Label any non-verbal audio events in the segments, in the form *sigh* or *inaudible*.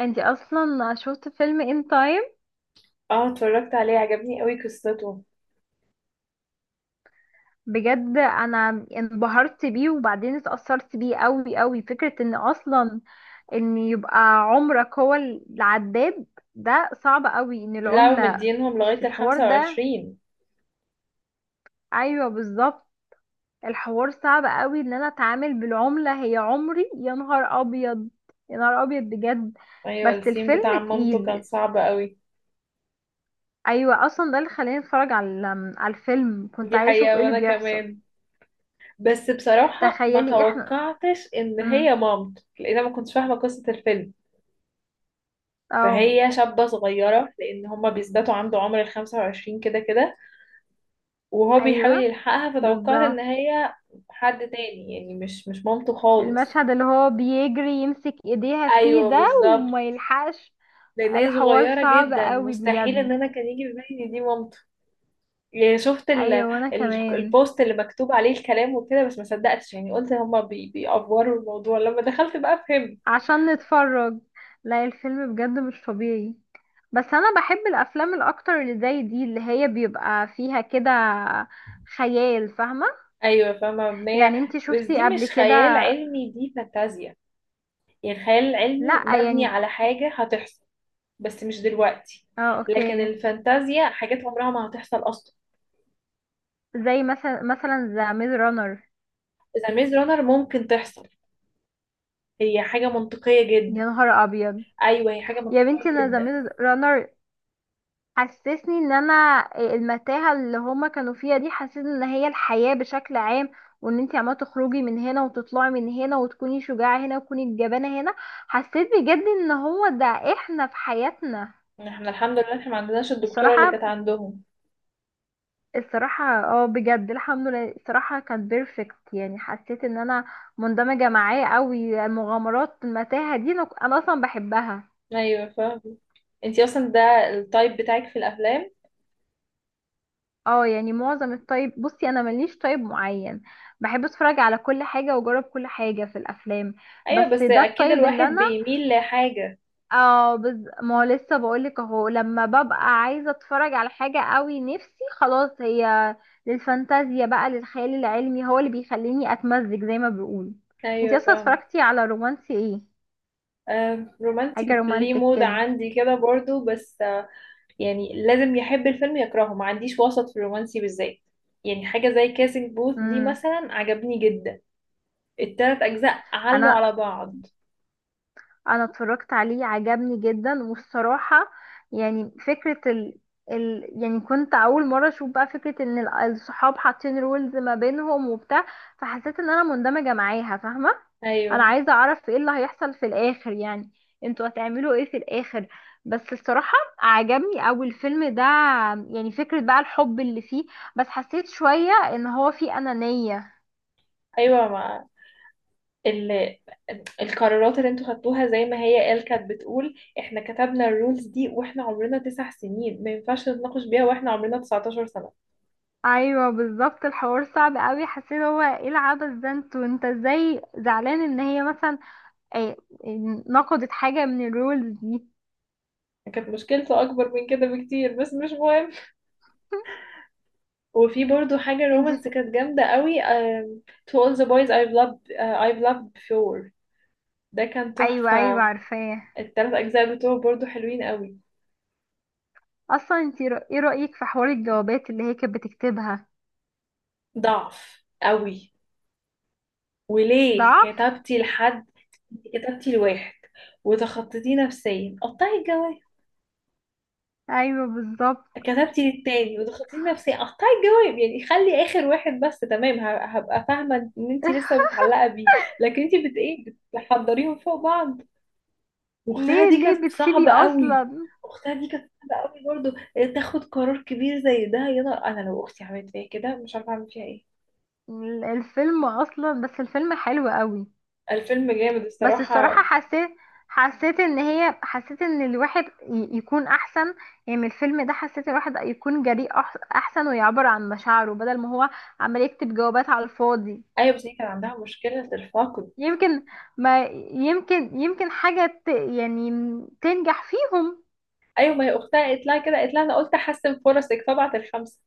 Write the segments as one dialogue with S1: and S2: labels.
S1: انتي اصلا شفت فيلم ان تايم؟
S2: اه، اتفرجت عليه، عجبني قوي قصته.
S1: بجد انا انبهرت بيه وبعدين اتأثرت بيه قوي قوي. فكرة ان اصلا ان يبقى عمرك هو العداد ده صعب قوي. ان
S2: لا،
S1: العملة
S2: ومدينهم
S1: في
S2: لغاية
S1: الحوار
S2: الخمسة
S1: ده.
S2: وعشرين
S1: ايوه بالظبط. الحوار صعب قوي ان انا اتعامل بالعملة هي عمري. يا نهار ابيض. يا نهار ابيض بجد.
S2: ايوه،
S1: بس
S2: السين بتاع
S1: الفيلم
S2: عمامته كان
S1: تقيل.
S2: صعب قوي.
S1: ايوه اصلا ده اللي خلاني اتفرج على الفيلم. كنت
S2: دي
S1: عايزة اشوف
S2: حقيقة
S1: ايه اللي
S2: وانا
S1: بيحصل.
S2: كمان. بس بصراحة ما
S1: تخيلي احنا.
S2: توقعتش ان
S1: مم.
S2: هي مامته، لان انا ما كنتش فاهمة قصة الفيلم.
S1: اه.
S2: فهي شابة صغيرة، لان هما بيثبتوا عنده عمر 25 كده كده، وهو بيحاول
S1: ايوه
S2: يلحقها، فتوقعت ان
S1: بالظبط.
S2: هي حد تاني، يعني مش مامته خالص.
S1: المشهد اللي هو بيجري يمسك ايديها فيه
S2: ايوه
S1: ده
S2: بالظبط.
S1: وما يلحقش.
S2: لان هي
S1: الحوار
S2: صغيرة
S1: صعب
S2: جدا،
S1: قوي
S2: مستحيل ان
S1: بجد.
S2: انا كان يجي في بالي إن دي مامته. يعني شفت
S1: ايوه وانا كمان.
S2: البوست اللي مكتوب عليه الكلام وكده، بس ما صدقتش، يعني قلت هما بيأفوروا الموضوع، لما دخلت بقى فهمت.
S1: عشان نتفرج. لا الفيلم بجد مش طبيعي. بس انا بحب الافلام الاكتر اللي زي دي اللي هي بيبقى فيها كده خيال، فاهمة؟
S2: ايوه فاهمه مبنيه.
S1: يعني انتي
S2: بس دي
S1: شفتي قبل
S2: مش
S1: كده؟
S2: خيال علمي، دي فانتازيا. يعني الخيال العلمي
S1: لا
S2: مبني
S1: يعني.
S2: على حاجه هتحصل، بس مش دلوقتي.
S1: اه
S2: لكن
S1: اوكي.
S2: الفانتازيا حاجات عمرها ما هتحصل اصلا.
S1: زي مثلا ذا ميز رانر.
S2: اذا ميز رانر ممكن تحصل، هي حاجه منطقيه
S1: يا
S2: جدا.
S1: نهار ابيض.
S2: ايوه هي حاجه
S1: يا
S2: منطقيه
S1: بنتي انا
S2: جدا.
S1: زميل رانر حسسني ان انا. المتاهه اللي هما كانوا فيها دي حسسني ان هي الحياه بشكل عام. وان انتي عماله تخرجي من هنا وتطلعي من هنا وتكوني شجاعه هنا وتكوني الجبانه هنا. حسيت بجد ان هو ده احنا في حياتنا.
S2: احنا الحمد لله احنا ما عندناش الدكتوره اللي
S1: الصراحه.
S2: كانت عندهم.
S1: الصراحه، اه بجد الحمد لله، الصراحه كان بيرفكت. يعني حسيت ان انا مندمجه معاه قوي. المغامرات المتاهه دي أنا اصلا بحبها.
S2: ايوه فاهمة. انتي اصلا ده التايب بتاعك في الافلام؟
S1: اه يعني معظم الطيب. بصي انا ماليش طيب معين. بحب اتفرج على كل حاجه واجرب كل حاجه في الافلام.
S2: ايوه
S1: بس
S2: بس
S1: ده
S2: اكيد
S1: الطيب اللي
S2: الواحد
S1: انا.
S2: بيميل لحاجة.
S1: اه ما هو لسه بقولك اهو. لما ببقى عايزه اتفرج على حاجه قوي نفسي، خلاص هي للفانتازيا بقى، للخيال العلمي هو اللي بيخليني اتمزج زي ما بيقولوا. انتي
S2: ايوه
S1: اصلا
S2: فاهمة.
S1: اتفرجتي على رومانسي ايه؟
S2: آه،
S1: حاجه
S2: رومانسي ليه
S1: رومانتك
S2: مود
S1: كده.
S2: عندي كده برضو، بس آه، يعني لازم يحب الفيلم يكرهه، ما عنديش وسط في الرومانسي بالذات. يعني حاجة زي كاسينج بوث دي
S1: امم.
S2: مثلا عجبني جدا. ال3 اجزاء علوا على
S1: انا
S2: بعض.
S1: انا اتفرجت عليه عجبني جدا والصراحة. يعني فكرة يعني كنت اول مرة اشوف بقى فكرة ان الصحاب حاطين رولز ما بينهم وبتاع. فحسيت ان انا مندمجة معاها، فاهمة؟ انا
S2: ايوه
S1: عايزة اعرف ايه اللي هيحصل في الاخر يعني. انتوا هتعملوا ايه في الاخر؟ بس الصراحة عجبني اوي الفيلم ده. يعني فكرة بقى الحب اللي فيه، بس حسيت شوية ان هو فيه انانية.
S2: ايوه، ما ال... القرارات اللي انتوا خدتوها زي ما هي قال، كانت بتقول احنا كتبنا الرولز دي واحنا عمرنا 9 سنين، ما ينفعش نتناقش بيها واحنا عمرنا 19 سنة.
S1: ايوه بالظبط. الحوار صعب قوي، حسيت هو ايه العبث ده. انت ازاي زعلان ان هي مثلا ايه نقضت حاجه من الرولز دي؟
S2: كانت مشكلته اكبر من كده بكتير، بس مش مهم.
S1: *laughs*
S2: وفي برضو حاجة
S1: انت.
S2: رومانس كانت جامدة قوي، To all the boys I've loved before. ده كان
S1: ايوه ايوه
S2: تحفة.
S1: عارفاه.
S2: ال3 أجزاء بتوعه برضو حلوين قوي.
S1: اصلا ايه رايك في حوار الجوابات اللي هي كانت بتكتبها؟
S2: ضعف قوي. وليه
S1: ضعف.
S2: كتبتي لحد؟ كتبتي لواحد وتخطيتيه نفسيا، قطعي الجواز.
S1: ايوه بالظبط.
S2: كتبتي للتاني وضغطتي نفسي اقطعي الجواب، يعني خلي اخر واحد بس تمام، هبقى فاهمه ان انت لسه
S1: *laughs*
S2: متعلقه بيه. لكن انت بت ايه، بتحضريهم فوق بعض. واختها
S1: ليه
S2: دي
S1: ليه
S2: كانت
S1: بتسيبي
S2: صعبه قوي.
S1: اصلا.
S2: اختها دي كانت صعبه قوي برضو. تاخد قرار كبير زي ده، يا نهار. انا لو اختي عملت فيا كده مش عارفه اعمل فيها ايه.
S1: الفيلم اصلا. بس الفيلم حلو قوي.
S2: الفيلم جامد
S1: بس الصراحة
S2: الصراحه.
S1: حسيت. حسيت ان هي حسيت ان الواحد يكون احسن. يعني من الفيلم ده حسيت الواحد يكون جريء احسن، ويعبر عن مشاعره بدل ما هو عمال يكتب جوابات على الفاضي.
S2: ايوه بس هي كان عندها مشكله الفاقد.
S1: يمكن. ما. يمكن حاجة يعني تنجح فيهم.
S2: ايوه، ما هي اختها قالت لها كده، قالت لها انا قلت احسن فرصك فبعت الخمسه.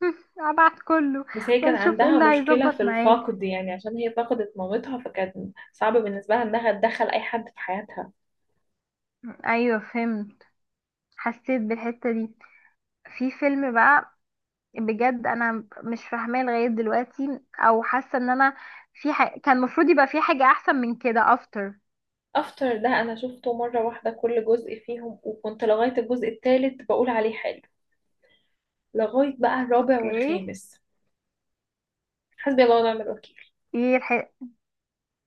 S1: *laughs* ابعت كله.
S2: بس هي كان
S1: ونشوف ايه
S2: عندها
S1: اللي
S2: مشكلة في
S1: هيظبط معاك.
S2: الفقد، يعني عشان هي فقدت مامتها، فكان صعب بالنسبة لها انها تدخل اي حد في حياتها.
S1: ايوه فهمت. حسيت بالحتة دي. في فيلم بقى بجد انا مش فاهماه لغايه دلوقتي، او حاسه ان انا كان المفروض يبقى في حاجه احسن من كده افتر.
S2: افتر ده انا شفته مرة واحدة كل جزء فيهم، وكنت لغاية الجزء الثالث بقول عليه حلو، لغاية بقى الرابع
S1: اوكي.
S2: والخامس. حسبي الله ونعم الوكيل.
S1: ايه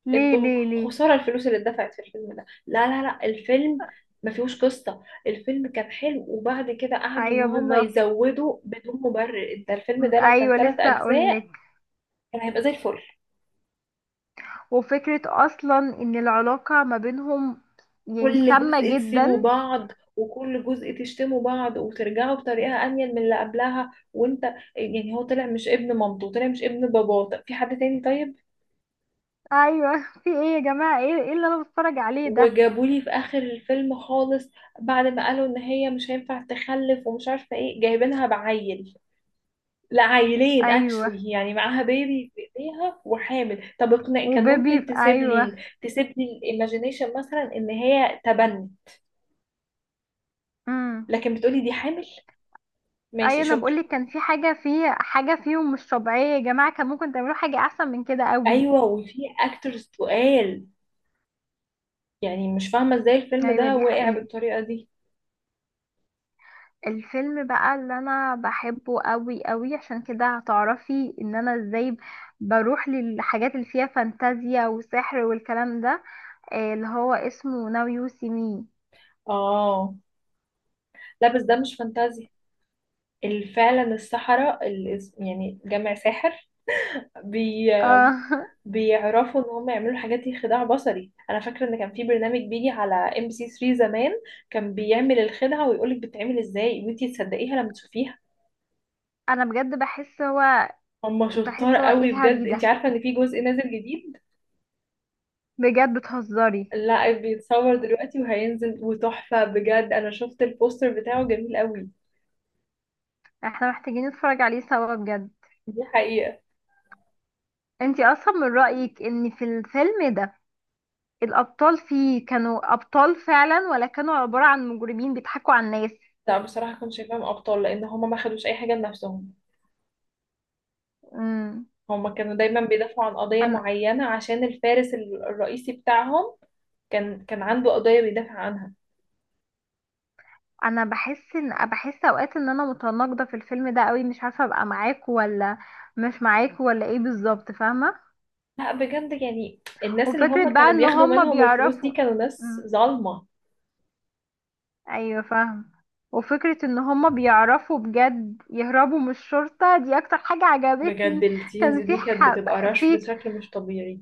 S1: ليه
S2: انتوا
S1: ليه ليه؟
S2: خسارة الفلوس اللي اتدفعت في الفيلم ده. لا لا لا، الفيلم ما فيهوش، قصة الفيلم كان حلو، وبعد كده قعدوا ان
S1: ايوه
S2: هم
S1: بالظبط.
S2: يزودوا بدون مبرر. ده الفيلم ده لو كان
S1: ايوه
S2: ثلاث
S1: لسه
S2: اجزاء
S1: اقولك.
S2: كان هيبقى زي الفل.
S1: وفكره اصلا ان العلاقه ما بينهم يعني
S2: كل
S1: سامه
S2: جزء
S1: جدا.
S2: تسيبوا بعض، وكل جزء تشتموا بعض، وترجعوا بطريقة أنيل من اللي قبلها، وانت يعني هو طلع مش ابن مامته، طلع مش ابن باباه، طب في حد تاني طيب؟
S1: ايوه *laughs* في ايه يا جماعه؟ ايه ايه اللي انا بتفرج عليه ده؟
S2: وجابولي في آخر الفيلم خالص، بعد ما قالوا إن هي مش هينفع تخلف ومش عارفة ايه، جايبينها بعيل، لا عيلين
S1: ايوه
S2: اكشلي، يعني معاها بيبي في ايديها وحامل. طب اقنع، كان ممكن
S1: وبيبي،
S2: تسيب لي،
S1: ايوه.
S2: تسيب لي الايماجينيشن مثلا ان هي تبني،
S1: امم.
S2: لكن بتقولي دي حامل،
S1: ايوه
S2: ماشي
S1: انا
S2: شكرا.
S1: بقولك كان في حاجه في حاجه فيهم مش طبيعيه يا جماعه. كان ممكن تعملوا حاجه احسن من كده قوي.
S2: ايوه وفي اكترز تقال، يعني مش فاهمه ازاي الفيلم
S1: ايوه
S2: ده
S1: دي
S2: واقع
S1: حقيقة.
S2: بالطريقه دي.
S1: الفيلم بقى اللي انا بحبه قوي قوي عشان كده هتعرفي ان انا ازاي بروح للحاجات اللي فيها فانتازيا وسحر والكلام ده. اللي هو اسمه ناو يو سي مي.
S2: اه. لا بس ده مش فانتازيا. فعلا السحرة، يعني جمع ساحر، بي
S1: اه.
S2: بيعرفوا ان هم يعملوا الحاجات دي، خداع بصري. انا فاكره ان كان في برنامج بيجي على ام بي سي 3 زمان، كان بيعمل الخدعه ويقولك بتتعمل ازاي، وانتي تصدقيها لما تشوفيها.
S1: *laughs* انا بجد بحس هو.
S2: هم شطار
S1: بحس هو ايه
S2: قوي
S1: الهري
S2: بجد. انتي
S1: ده؟
S2: عارفه ان في جزء نازل جديد؟
S1: بجد بتهزري.
S2: لا بيتصور دلوقتي وهينزل، وتحفة بجد، أنا شفت البوستر بتاعه جميل قوي.
S1: احنا محتاجين نتفرج عليه سوا بجد.
S2: دي حقيقة.
S1: انتي اصلا من رأيك ان في الفيلم ده الابطال فيه كانوا ابطال فعلا، ولا كانوا عبارة عن مجرمين بيضحكوا على الناس؟
S2: لا بصراحة كنت شايفاهم أبطال، لأن هما ما خدوش أي حاجة لنفسهم.
S1: امم.
S2: هما كانوا دايما بيدافعوا عن قضية معينة، عشان الفارس الرئيسي بتاعهم كان عنده قضية بيدافع عنها.
S1: انا بحس ان بحس اوقات ان انا متناقضه في الفيلم ده قوي. مش عارفه ابقى معاك ولا مش معاك، ولا ايه بالظبط، فاهمه؟
S2: لا بجد، يعني الناس اللي هما
S1: وفكره بقى
S2: كانوا
S1: ان
S2: بياخدوا
S1: هما
S2: منهم الفلوس دي
S1: بيعرفوا.
S2: كانوا ناس
S1: مم.
S2: ظالمة.
S1: ايوه فاهم. وفكره ان هما بيعرفوا بجد يهربوا من الشرطه دي اكتر حاجه
S2: بجد
S1: عجبتني.
S2: السينز
S1: كان
S2: دي كانت بتبقى رش
S1: في.
S2: بشكل مش طبيعي.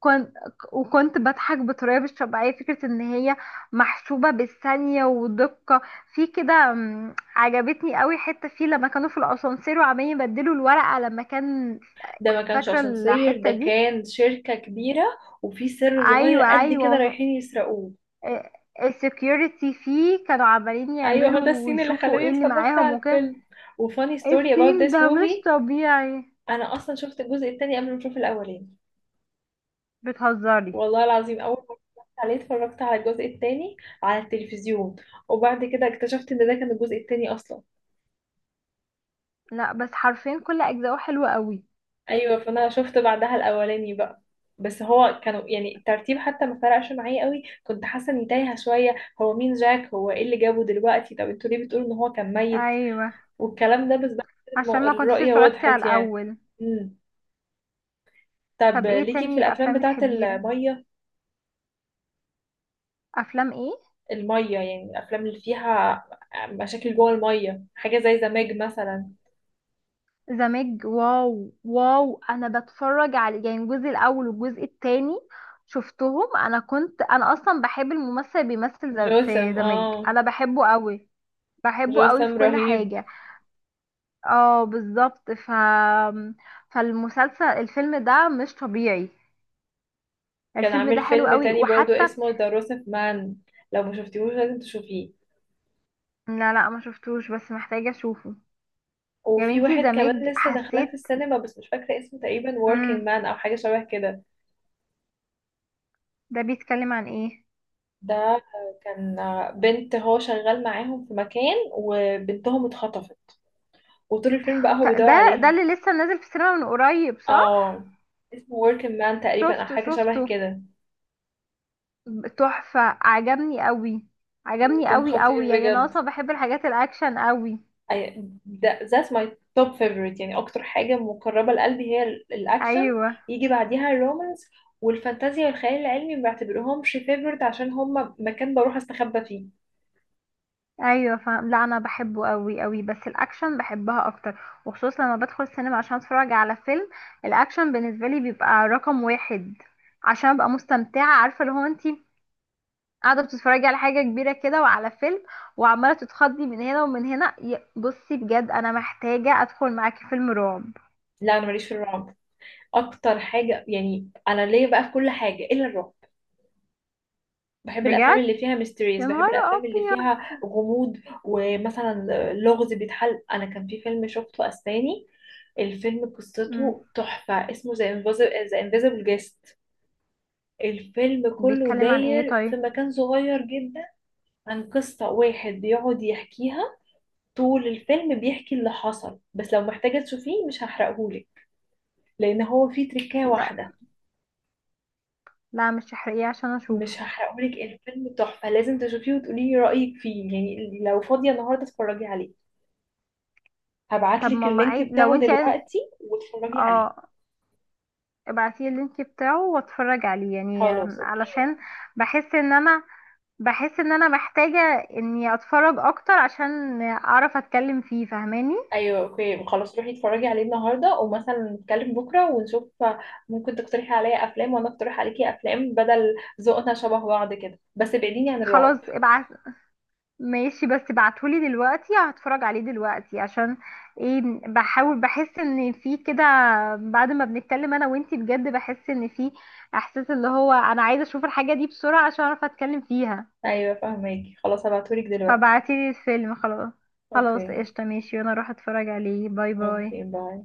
S1: كنت. وكنت بضحك بطريقة مش طبيعية، فكرة ان هي محسوبة بالثانية ودقة في كده. عجبتني قوي حتة فيه لما كانوا في الاسانسير وعمالين يبدلوا الورقة لما كان.
S2: ده ما كانش
S1: فاكرة
S2: اسانسير، ده
S1: الحتة دي؟
S2: كان شركة كبيرة، وفي سر صغير
S1: ايوه
S2: قد كده
S1: ايوه.
S2: رايحين يسرقوه.
S1: السكيورتي فيه كانوا عمالين
S2: ايوه هو ده
S1: يعملوا
S2: السين اللي
S1: ويشوفوا
S2: خلاني
S1: ايه اللي
S2: اتفرجت
S1: معاهم
S2: على
S1: وكده.
S2: الفيلم. وفاني ستوري about
S1: السين
S2: this
S1: ده مش
S2: movie.
S1: طبيعي.
S2: انا اصلا شفت الجزء التاني قبل ما اشوف الاولاني.
S1: بتهزري؟
S2: والله العظيم اول ما اتفرجت عليه اتفرجت على الجزء التاني على التلفزيون، وبعد كده اكتشفت ان ده كان الجزء التاني اصلا.
S1: لا، بس حرفيا كل اجزائه حلوة قوي.
S2: ايوه فانا شفت بعدها الاولاني بقى. بس هو كانوا يعني الترتيب حتى ما فرقش معايا قوي، كنت حاسه اني تايهه شويه. هو مين جاك؟ هو ايه اللي جابه دلوقتي؟ طب انتوا ليه بتقولوا ان هو كان ميت
S1: ايوه
S2: والكلام ده؟ بس بعد كده
S1: عشان ما كنتش
S2: الرؤيه
S1: اتفرجتي على
S2: وضحت يعني.
S1: الاول.
S2: امم. طب
S1: طب ايه
S2: ليكي في
S1: تاني
S2: الافلام
S1: افلام
S2: بتاعه
S1: بتحبيها؟
S2: الميه؟
S1: افلام ايه؟
S2: الميه يعني الافلام اللي فيها مشاكل جوه الميه، حاجه زي زماج مثلا.
S1: زمج، واو واو، انا بتفرج على يعني الجزء الاول والجزء التاني. شفتهم انا، كنت انا اصلا بحب الممثل اللي بيمثل
S2: جوثام،
S1: في زمج،
S2: اه،
S1: انا بحبه قوي. بحبه قوي في
S2: جوثام
S1: كل
S2: رهيب.
S1: حاجة. اه بالظبط. ف فالمسلسل الفيلم ده مش طبيعي.
S2: كان
S1: الفيلم ده
S2: عامل
S1: حلو
S2: فيلم
S1: قوي
S2: تاني برضو
S1: وحتى.
S2: اسمه ذا روسف مان، لو ما شفتيهوش لازم تشوفيه.
S1: لا لا ما شفتوش بس محتاجة اشوفه. يا
S2: وفي
S1: بنتي
S2: واحد كمان
S1: زمج
S2: لسه داخلاه في
S1: حسيت.
S2: السينما بس مش فاكرة اسمه، تقريبا working
S1: امم.
S2: man أو حاجة شبه كده.
S1: ده بيتكلم عن ايه؟
S2: ده كان بنت، هو شغال معاهم في مكان وبنتهم اتخطفت، وطول الفيلم بقى هو بيدور
S1: ده
S2: عليها.
S1: اللي لسه نازل في السينما من قريب صح؟
S2: اه، اسمه working man تقريبا أو
S1: شفته
S2: حاجة شبه
S1: شفته.
S2: كده.
S1: تحفة عجبني قوي. عجبني
S2: كان
S1: قوي قوي.
S2: خطير
S1: يعني انا
S2: بجد.
S1: اصلا بحب الحاجات الاكشن قوي.
S2: I- ده that's my top favorite. يعني أكتر حاجة مقربة لقلبي هي الأكشن.
S1: ايوه
S2: يجي بعديها الرومانس، والفانتازيا والخيال العلمي ما بعتبرهمش favorite، عشان هما مكان بروح استخبى فيه.
S1: ايوه فاهم. لا انا بحبه قوي قوي بس الاكشن بحبها اكتر. وخصوصا لما بدخل السينما عشان اتفرج على فيلم الاكشن بالنسبه لي بيبقى رقم واحد. عشان ابقى مستمتعه، عارفه اللي هو انت قاعدة بتتفرجي على حاجة كبيرة كده وعلى فيلم، وعمالة تتخضي من هنا ومن هنا. بصي بجد أنا محتاجة أدخل معاكي فيلم رعب.
S2: لا أنا ماليش في الرعب. اكتر حاجه يعني انا ليا بقى في كل حاجه الا الرعب. بحب الافلام
S1: بجد.
S2: اللي فيها ميستريز،
S1: يا
S2: بحب
S1: نهار
S2: الافلام اللي
S1: أبيض.
S2: فيها غموض. ومثلا لغز بيتحل. انا كان في فيلم شفته اسباني، الفيلم
S1: مم.
S2: قصته تحفه، اسمه ذا انفيزبل جيست. الفيلم كله
S1: بيتكلم عن ايه
S2: داير في
S1: طيب؟
S2: مكان صغير جدا، عن قصة واحد بيقعد يحكيها طول الفيلم، بيحكي اللي حصل. بس لو محتاجة تشوفيه مش هحرقهولك، لأن هو فيه تركاية
S1: لا
S2: واحدة.
S1: لا مش احرقيه عشان اشوفه.
S2: مش هحرقهولك، الفيلم تحفة لازم تشوفيه وتقولي لي رأيك فيه. يعني لو فاضية النهاردة اتفرجي عليه،
S1: طب
S2: هبعتلك
S1: ماما
S2: اللينك
S1: عيد لو
S2: بتاعه
S1: انت عايز.
S2: دلوقتي واتفرجي عليه.
S1: اه. ابعتيلي اللينك بتاعه واتفرج عليه يعني
S2: خلاص اوكي.
S1: علشان بحس ان انا. بحس ان انا محتاجة اني اتفرج اكتر عشان اعرف اتكلم فيه، فاهماني؟
S2: ايوه اوكي، خلاص روحي اتفرجي عليه النهارده، ومثلا نتكلم بكره ونشوف. ممكن تقترحي عليا افلام وانا اقترح عليكي افلام، بدل، ذوقنا شبه بعض كده، بس ابعديني عن
S1: خلاص
S2: الرعب.
S1: ابعت. ماشي بس بعتهولي دلوقتي هتفرج عليه دلوقتي، عشان ايه؟ بحاول بحس ان في كده. بعد ما بنتكلم انا وانتي بجد بحس ان في احساس اللي هو انا عايزه اشوف الحاجه دي بسرعه عشان اعرف اتكلم فيها.
S2: ايوه فهماكي، خلاص هبعتهولك دلوقتي.
S1: فبعتيلي الفيلم خلاص. خلاص
S2: اوكي.
S1: قشطه ماشي، وانا اروح اتفرج عليه. باي
S2: اوكي
S1: باي.
S2: باي.